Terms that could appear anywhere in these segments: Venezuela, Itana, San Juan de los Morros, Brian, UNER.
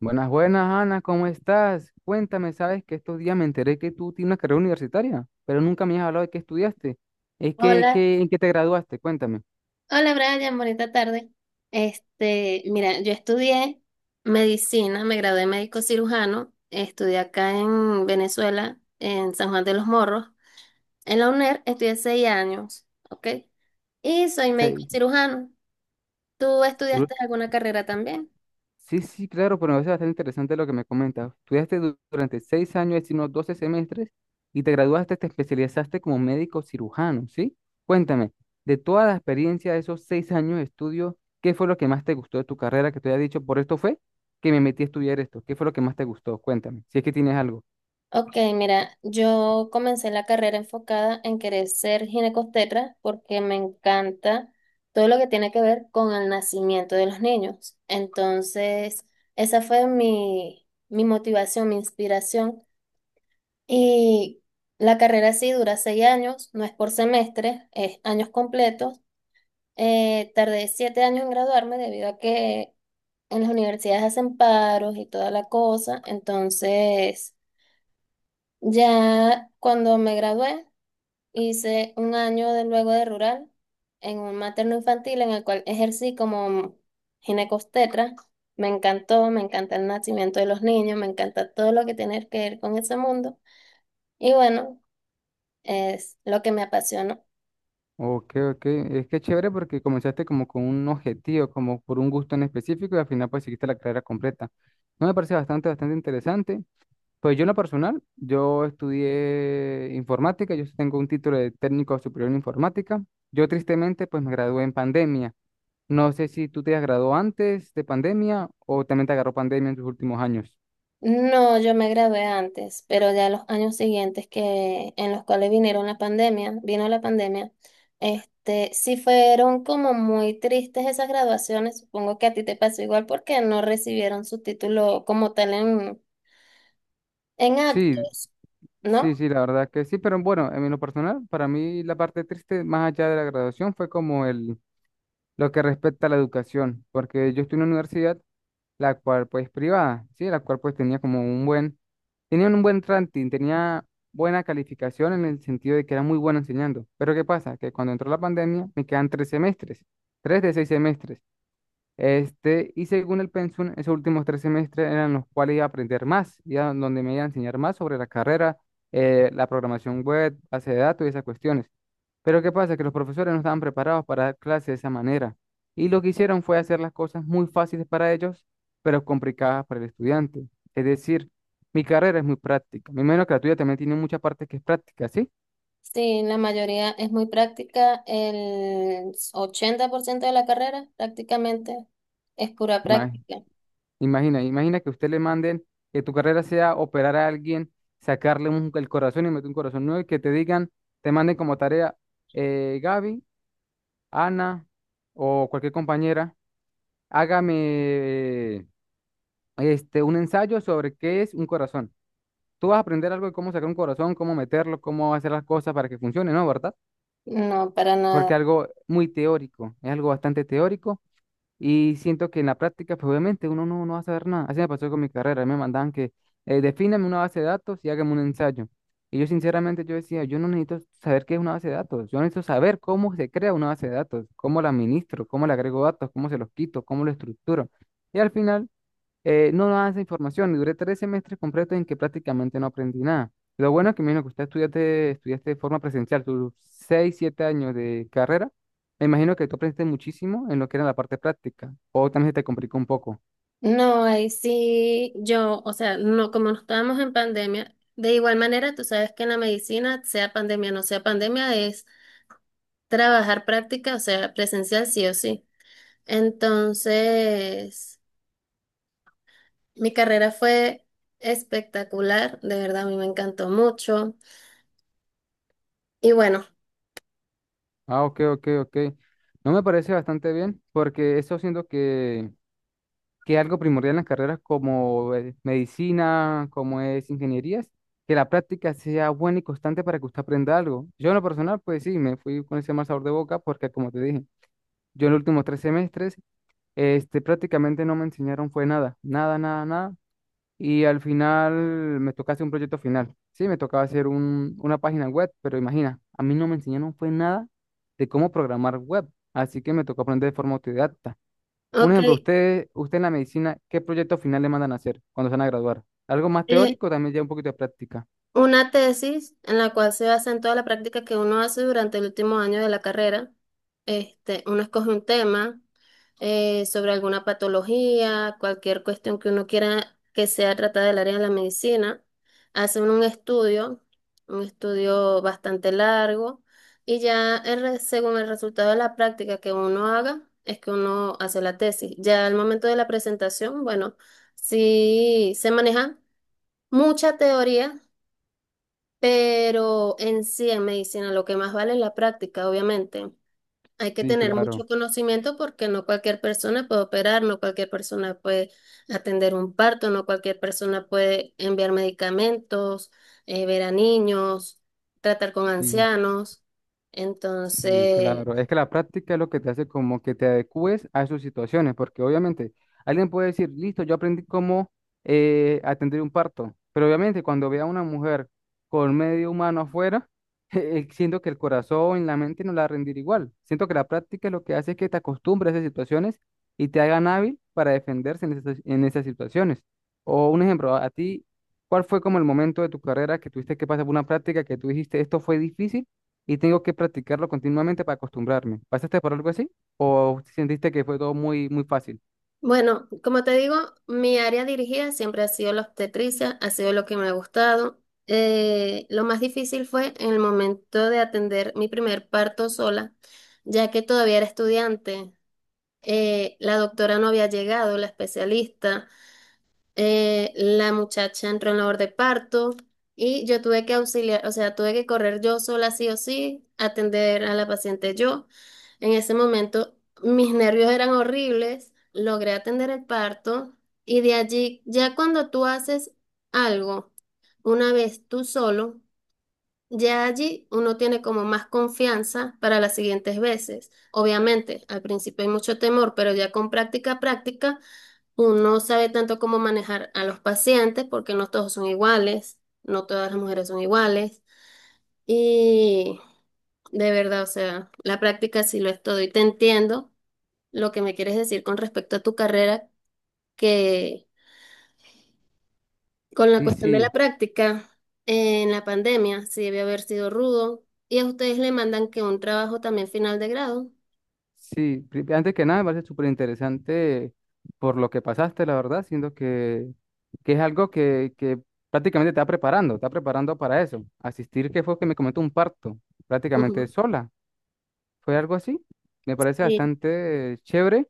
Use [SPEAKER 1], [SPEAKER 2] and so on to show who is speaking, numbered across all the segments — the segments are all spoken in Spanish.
[SPEAKER 1] Buenas, buenas, Ana, ¿cómo estás? Cuéntame, sabes que estos días me enteré que tú tienes una carrera universitaria, pero nunca me has hablado de qué estudiaste.
[SPEAKER 2] Hola,
[SPEAKER 1] ¿En qué te graduaste? Cuéntame.
[SPEAKER 2] hola Brian, bonita tarde. Mira, yo estudié medicina, me gradué de médico cirujano, estudié acá en Venezuela, en San Juan de los Morros. En la UNER estudié 6 años, ¿ok? Y soy médico
[SPEAKER 1] Sí,
[SPEAKER 2] cirujano. ¿Tú
[SPEAKER 1] du-
[SPEAKER 2] estudiaste alguna carrera también?
[SPEAKER 1] sí, sí, claro, pero me parece bastante interesante lo que me comentas. Estudiaste durante seis años, es decir, unos 12 semestres, y te graduaste, te especializaste como médico cirujano, ¿sí? Cuéntame, de toda la experiencia de esos seis años de estudio, ¿qué fue lo que más te gustó de tu carrera que te había dicho? Por esto fue que me metí a estudiar esto. ¿Qué fue lo que más te gustó? Cuéntame, si es que tienes algo.
[SPEAKER 2] Ok, mira, yo comencé la carrera enfocada en querer ser ginecostetra porque me encanta todo lo que tiene que ver con el nacimiento de los niños. Entonces, esa fue mi motivación, mi inspiración. Y la carrera sí dura 6 años, no es por semestre, es años completos. Tardé 7 años en graduarme debido a que en las universidades hacen paros y toda la cosa. Entonces, ya cuando me gradué, hice un año de luego de rural en un materno infantil en el cual ejercí como ginecostetra. Me encantó, me encanta el nacimiento de los niños, me encanta todo lo que tiene que ver con ese mundo. Y bueno, es lo que me apasiona.
[SPEAKER 1] Ok, ok. Es que chévere porque comenzaste como con un objetivo, como por un gusto en específico y al final pues seguiste la carrera completa. No me parece bastante, bastante interesante. Pues yo en lo personal, yo estudié informática, yo tengo un título de técnico superior en informática. Yo tristemente pues me gradué en pandemia. No sé si tú te has graduado antes de pandemia o también te agarró pandemia en tus últimos años.
[SPEAKER 2] No, yo me gradué antes, pero ya los años siguientes que en los cuales vinieron la pandemia, vino la pandemia, sí fueron como muy tristes esas graduaciones. Supongo que a ti te pasó igual porque no recibieron su título como tal en actos,
[SPEAKER 1] Sí, sí,
[SPEAKER 2] ¿no?
[SPEAKER 1] sí, la verdad que sí, pero bueno, en lo personal, para mí la parte triste más allá de la graduación fue como el lo que respecta a la educación, porque yo estoy en una universidad, la cual pues privada, ¿sí? La cual pues tenía como un buen, tenía un buen ranking, tenía buena calificación en el sentido de que era muy bueno enseñando. Pero ¿qué pasa? Que cuando entró la pandemia me quedan tres semestres, tres de seis semestres. Este, y según el pensum, esos últimos tres semestres eran los cuales iba a aprender más, y a donde me iba a enseñar más sobre la carrera, la programación web, base de datos y esas cuestiones. Pero ¿qué pasa? Que los profesores no estaban preparados para dar clases de esa manera. Y lo que hicieron fue hacer las cosas muy fáciles para ellos, pero complicadas para el estudiante. Es decir, mi carrera es muy práctica. Me imagino que la tuya también tiene mucha parte que es práctica, ¿sí?
[SPEAKER 2] Sí, la mayoría es muy práctica, el 80% de la carrera prácticamente es pura
[SPEAKER 1] Ima-
[SPEAKER 2] práctica.
[SPEAKER 1] Imagina, imagina que usted le manden que tu carrera sea operar a alguien, sacarle el corazón y meter un corazón nuevo y que te digan, te manden como tarea, Gaby, Ana o cualquier compañera, hágame este, un ensayo sobre qué es un corazón. Tú vas a aprender algo de cómo sacar un corazón, cómo meterlo, cómo hacer las cosas para que funcione, ¿no? ¿Verdad?
[SPEAKER 2] No, para nada.
[SPEAKER 1] Porque es algo muy teórico, es algo bastante teórico. Y siento que en la práctica, pues obviamente uno no, no va a saber nada. Así me pasó con mi carrera. Me mandaban que defíname una base de datos y hágame un ensayo. Y yo sinceramente yo decía, yo no necesito saber qué es una base de datos. Yo necesito saber cómo se crea una base de datos, cómo la administro, cómo le agrego datos, cómo se los quito, cómo lo estructuro. Y al final no daban esa información. Duré tres semestres completos en que prácticamente no aprendí nada. Lo bueno es que, me imagino que usted estudiaste de forma presencial, tus seis, siete años de carrera. Me imagino que tú aprendiste muchísimo en lo que era la parte práctica. O también se te complicó un poco.
[SPEAKER 2] No, ahí sí, yo, o sea, no, como no estábamos en pandemia, de igual manera, tú sabes que en la medicina, sea pandemia o no sea pandemia, es trabajar práctica, o sea, presencial sí o sí. Entonces, mi carrera fue espectacular, de verdad, a mí me encantó mucho. Y bueno,
[SPEAKER 1] Ah, ok, ok, ok. No me parece bastante bien, porque eso siento que es algo primordial en las carreras como medicina, como es ingenierías, que la práctica sea buena y constante para que usted aprenda algo. Yo en lo personal, pues sí, me fui con ese mal sabor de boca porque, como te dije, yo en los últimos tres semestres, este, prácticamente no me enseñaron fue nada, nada, nada, nada. Y al final me tocaba hacer un proyecto final. Sí, me tocaba hacer una página web, pero imagina, a mí no me enseñaron fue nada de cómo programar web, así que me tocó aprender de forma autodidacta. Un
[SPEAKER 2] ok,
[SPEAKER 1] ejemplo, usted, usted en la medicina, ¿qué proyecto final le mandan a hacer cuando se van a graduar? ¿Algo más
[SPEAKER 2] eh,
[SPEAKER 1] teórico? También ya un poquito de práctica.
[SPEAKER 2] una tesis en la cual se basa en toda la práctica que uno hace durante el último año de la carrera. Uno escoge un tema sobre alguna patología, cualquier cuestión que uno quiera que sea tratada del área de la medicina. Hace uno un estudio bastante largo, y ya según el resultado de la práctica que uno haga, es que uno hace la tesis. Ya al momento de la presentación, bueno, sí se maneja mucha teoría, pero en sí, en medicina, lo que más vale es la práctica, obviamente. Hay que
[SPEAKER 1] Sí,
[SPEAKER 2] tener mucho
[SPEAKER 1] claro.
[SPEAKER 2] conocimiento porque no cualquier persona puede operar, no cualquier persona puede atender un parto, no cualquier persona puede enviar medicamentos, ver a niños, tratar con
[SPEAKER 1] Sí.
[SPEAKER 2] ancianos.
[SPEAKER 1] Sí,
[SPEAKER 2] Entonces,
[SPEAKER 1] claro. Es que la práctica es lo que te hace como que te adecúes a sus situaciones, porque obviamente alguien puede decir, listo, yo aprendí cómo atender un parto, pero obviamente cuando vea a una mujer con medio humano afuera, siento que el corazón, la mente no la va a rendir igual. Siento que la práctica lo que hace es que te acostumbres a esas situaciones y te hagan hábil para defenderse en esas situaciones. O un ejemplo, a ti, ¿cuál fue como el momento de tu carrera que tuviste que pasar por una práctica que tú dijiste, esto fue difícil? Y tengo que practicarlo continuamente para acostumbrarme. ¿Pasaste por algo así? ¿O sentiste que fue todo muy, muy fácil?
[SPEAKER 2] bueno, como te digo, mi área dirigida siempre ha sido la obstetricia, ha sido lo que me ha gustado. Lo más difícil fue en el momento de atender mi primer parto sola, ya que todavía era estudiante. La doctora no había llegado, la especialista, la muchacha entró en labor de parto y yo tuve que auxiliar, o sea, tuve que correr yo sola sí o sí, atender a la paciente yo. En ese momento mis nervios eran horribles, logré atender el parto y de allí, ya cuando tú haces algo una vez tú solo, ya allí uno tiene como más confianza para las siguientes veces. Obviamente, al principio hay mucho temor, pero ya con práctica, práctica, uno sabe tanto cómo manejar a los pacientes porque no todos son iguales, no todas las mujeres son iguales. Y de verdad, o sea, la práctica sí lo es todo y te entiendo lo que me quieres decir con respecto a tu carrera, que... Con la
[SPEAKER 1] Sí,
[SPEAKER 2] cuestión de la
[SPEAKER 1] sí,
[SPEAKER 2] práctica, en la pandemia sí debe haber sido rudo. Y a ustedes le mandan que un trabajo también final de grado.
[SPEAKER 1] sí. Antes que nada, me parece súper interesante por lo que pasaste, la verdad, siento que es algo que prácticamente te está preparando para eso. Asistir, que fue que me comentó un parto, prácticamente
[SPEAKER 2] Ujú.
[SPEAKER 1] sola. ¿Fue algo así? Me parece
[SPEAKER 2] Sí.
[SPEAKER 1] bastante chévere.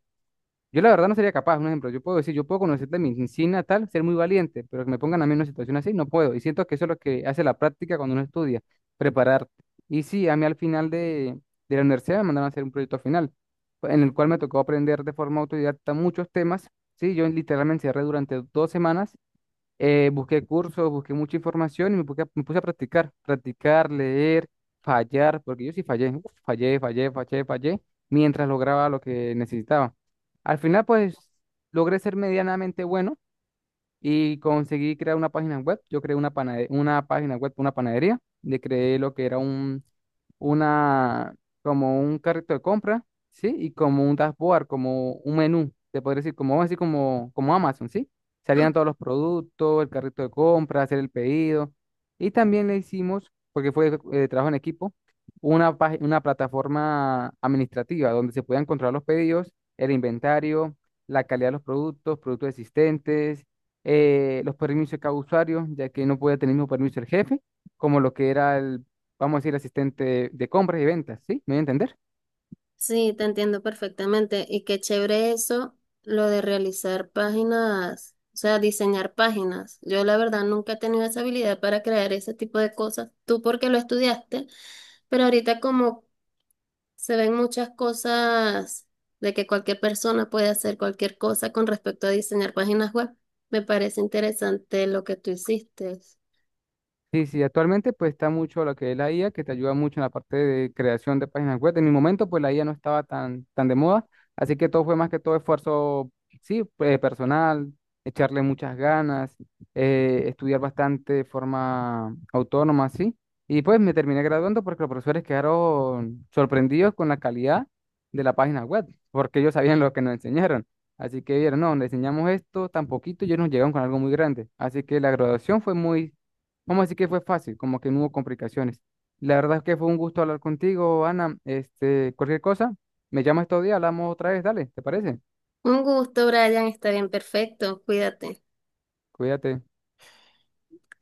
[SPEAKER 1] Yo la verdad no sería capaz, un ejemplo, yo puedo decir, yo puedo conocerte mi sin natal, ser muy valiente, pero que me pongan a mí en una situación así, no puedo. Y siento que eso es lo que hace la práctica cuando uno estudia, prepararte. Y sí, a mí al final de la universidad me mandaron a hacer un proyecto final, en el cual me tocó aprender de forma autodidacta muchos temas. Sí, yo literalmente encerré durante dos semanas busqué cursos, busqué mucha información y me puse, me puse a practicar, practicar, leer, fallar, porque yo sí fallé, uf, fallé, fallé, fallé, fallé, mientras lograba lo que necesitaba. Al final, pues, logré ser medianamente bueno y conseguí crear una página web. Yo creé una página web, una panadería. Le creé lo que era una, como un carrito de compra, ¿sí? Y como un dashboard, como un menú, te podría decir, como, así como, como Amazon, ¿sí?
[SPEAKER 2] Ah,
[SPEAKER 1] Salían todos los productos, el carrito de compra, hacer el pedido. Y también le hicimos, porque fue trabajo en equipo, una plataforma administrativa donde se podían controlar los pedidos, el inventario, la calidad de los productos, productos existentes los permisos de cada usuario, ya que no podía tener el mismo permiso el jefe, como lo que era el, vamos a decir, asistente de compras y ventas, ¿sí? ¿Me voy a entender?
[SPEAKER 2] sí, te entiendo perfectamente. Y qué chévere eso, lo de realizar páginas, o sea, diseñar páginas. Yo la verdad nunca he tenido esa habilidad para crear ese tipo de cosas. Tú porque lo estudiaste, pero ahorita como se ven muchas cosas de que cualquier persona puede hacer cualquier cosa con respecto a diseñar páginas web. Me parece interesante lo que tú hiciste.
[SPEAKER 1] Sí, sí, actualmente pues está mucho lo que es la IA, que te ayuda mucho en la parte de creación de páginas web. En mi momento pues la IA no estaba tan, tan de moda, así que todo fue más que todo esfuerzo, sí, personal, echarle muchas ganas, estudiar bastante de forma autónoma, sí. Y pues me terminé graduando porque los profesores quedaron sorprendidos con la calidad de la página web, porque ellos sabían lo que nos enseñaron. Así que vieron, no, le enseñamos esto tan poquito y ellos nos llegaron con algo muy grande. Así que la graduación fue muy. Vamos a decir que fue fácil, como que no hubo complicaciones. La verdad es que fue un gusto hablar contigo, Ana. Este, cualquier cosa, me llamas estos días, hablamos otra vez, dale, ¿te parece?
[SPEAKER 2] Un gusto, Brian. Está bien, perfecto. Cuídate.
[SPEAKER 1] Cuídate.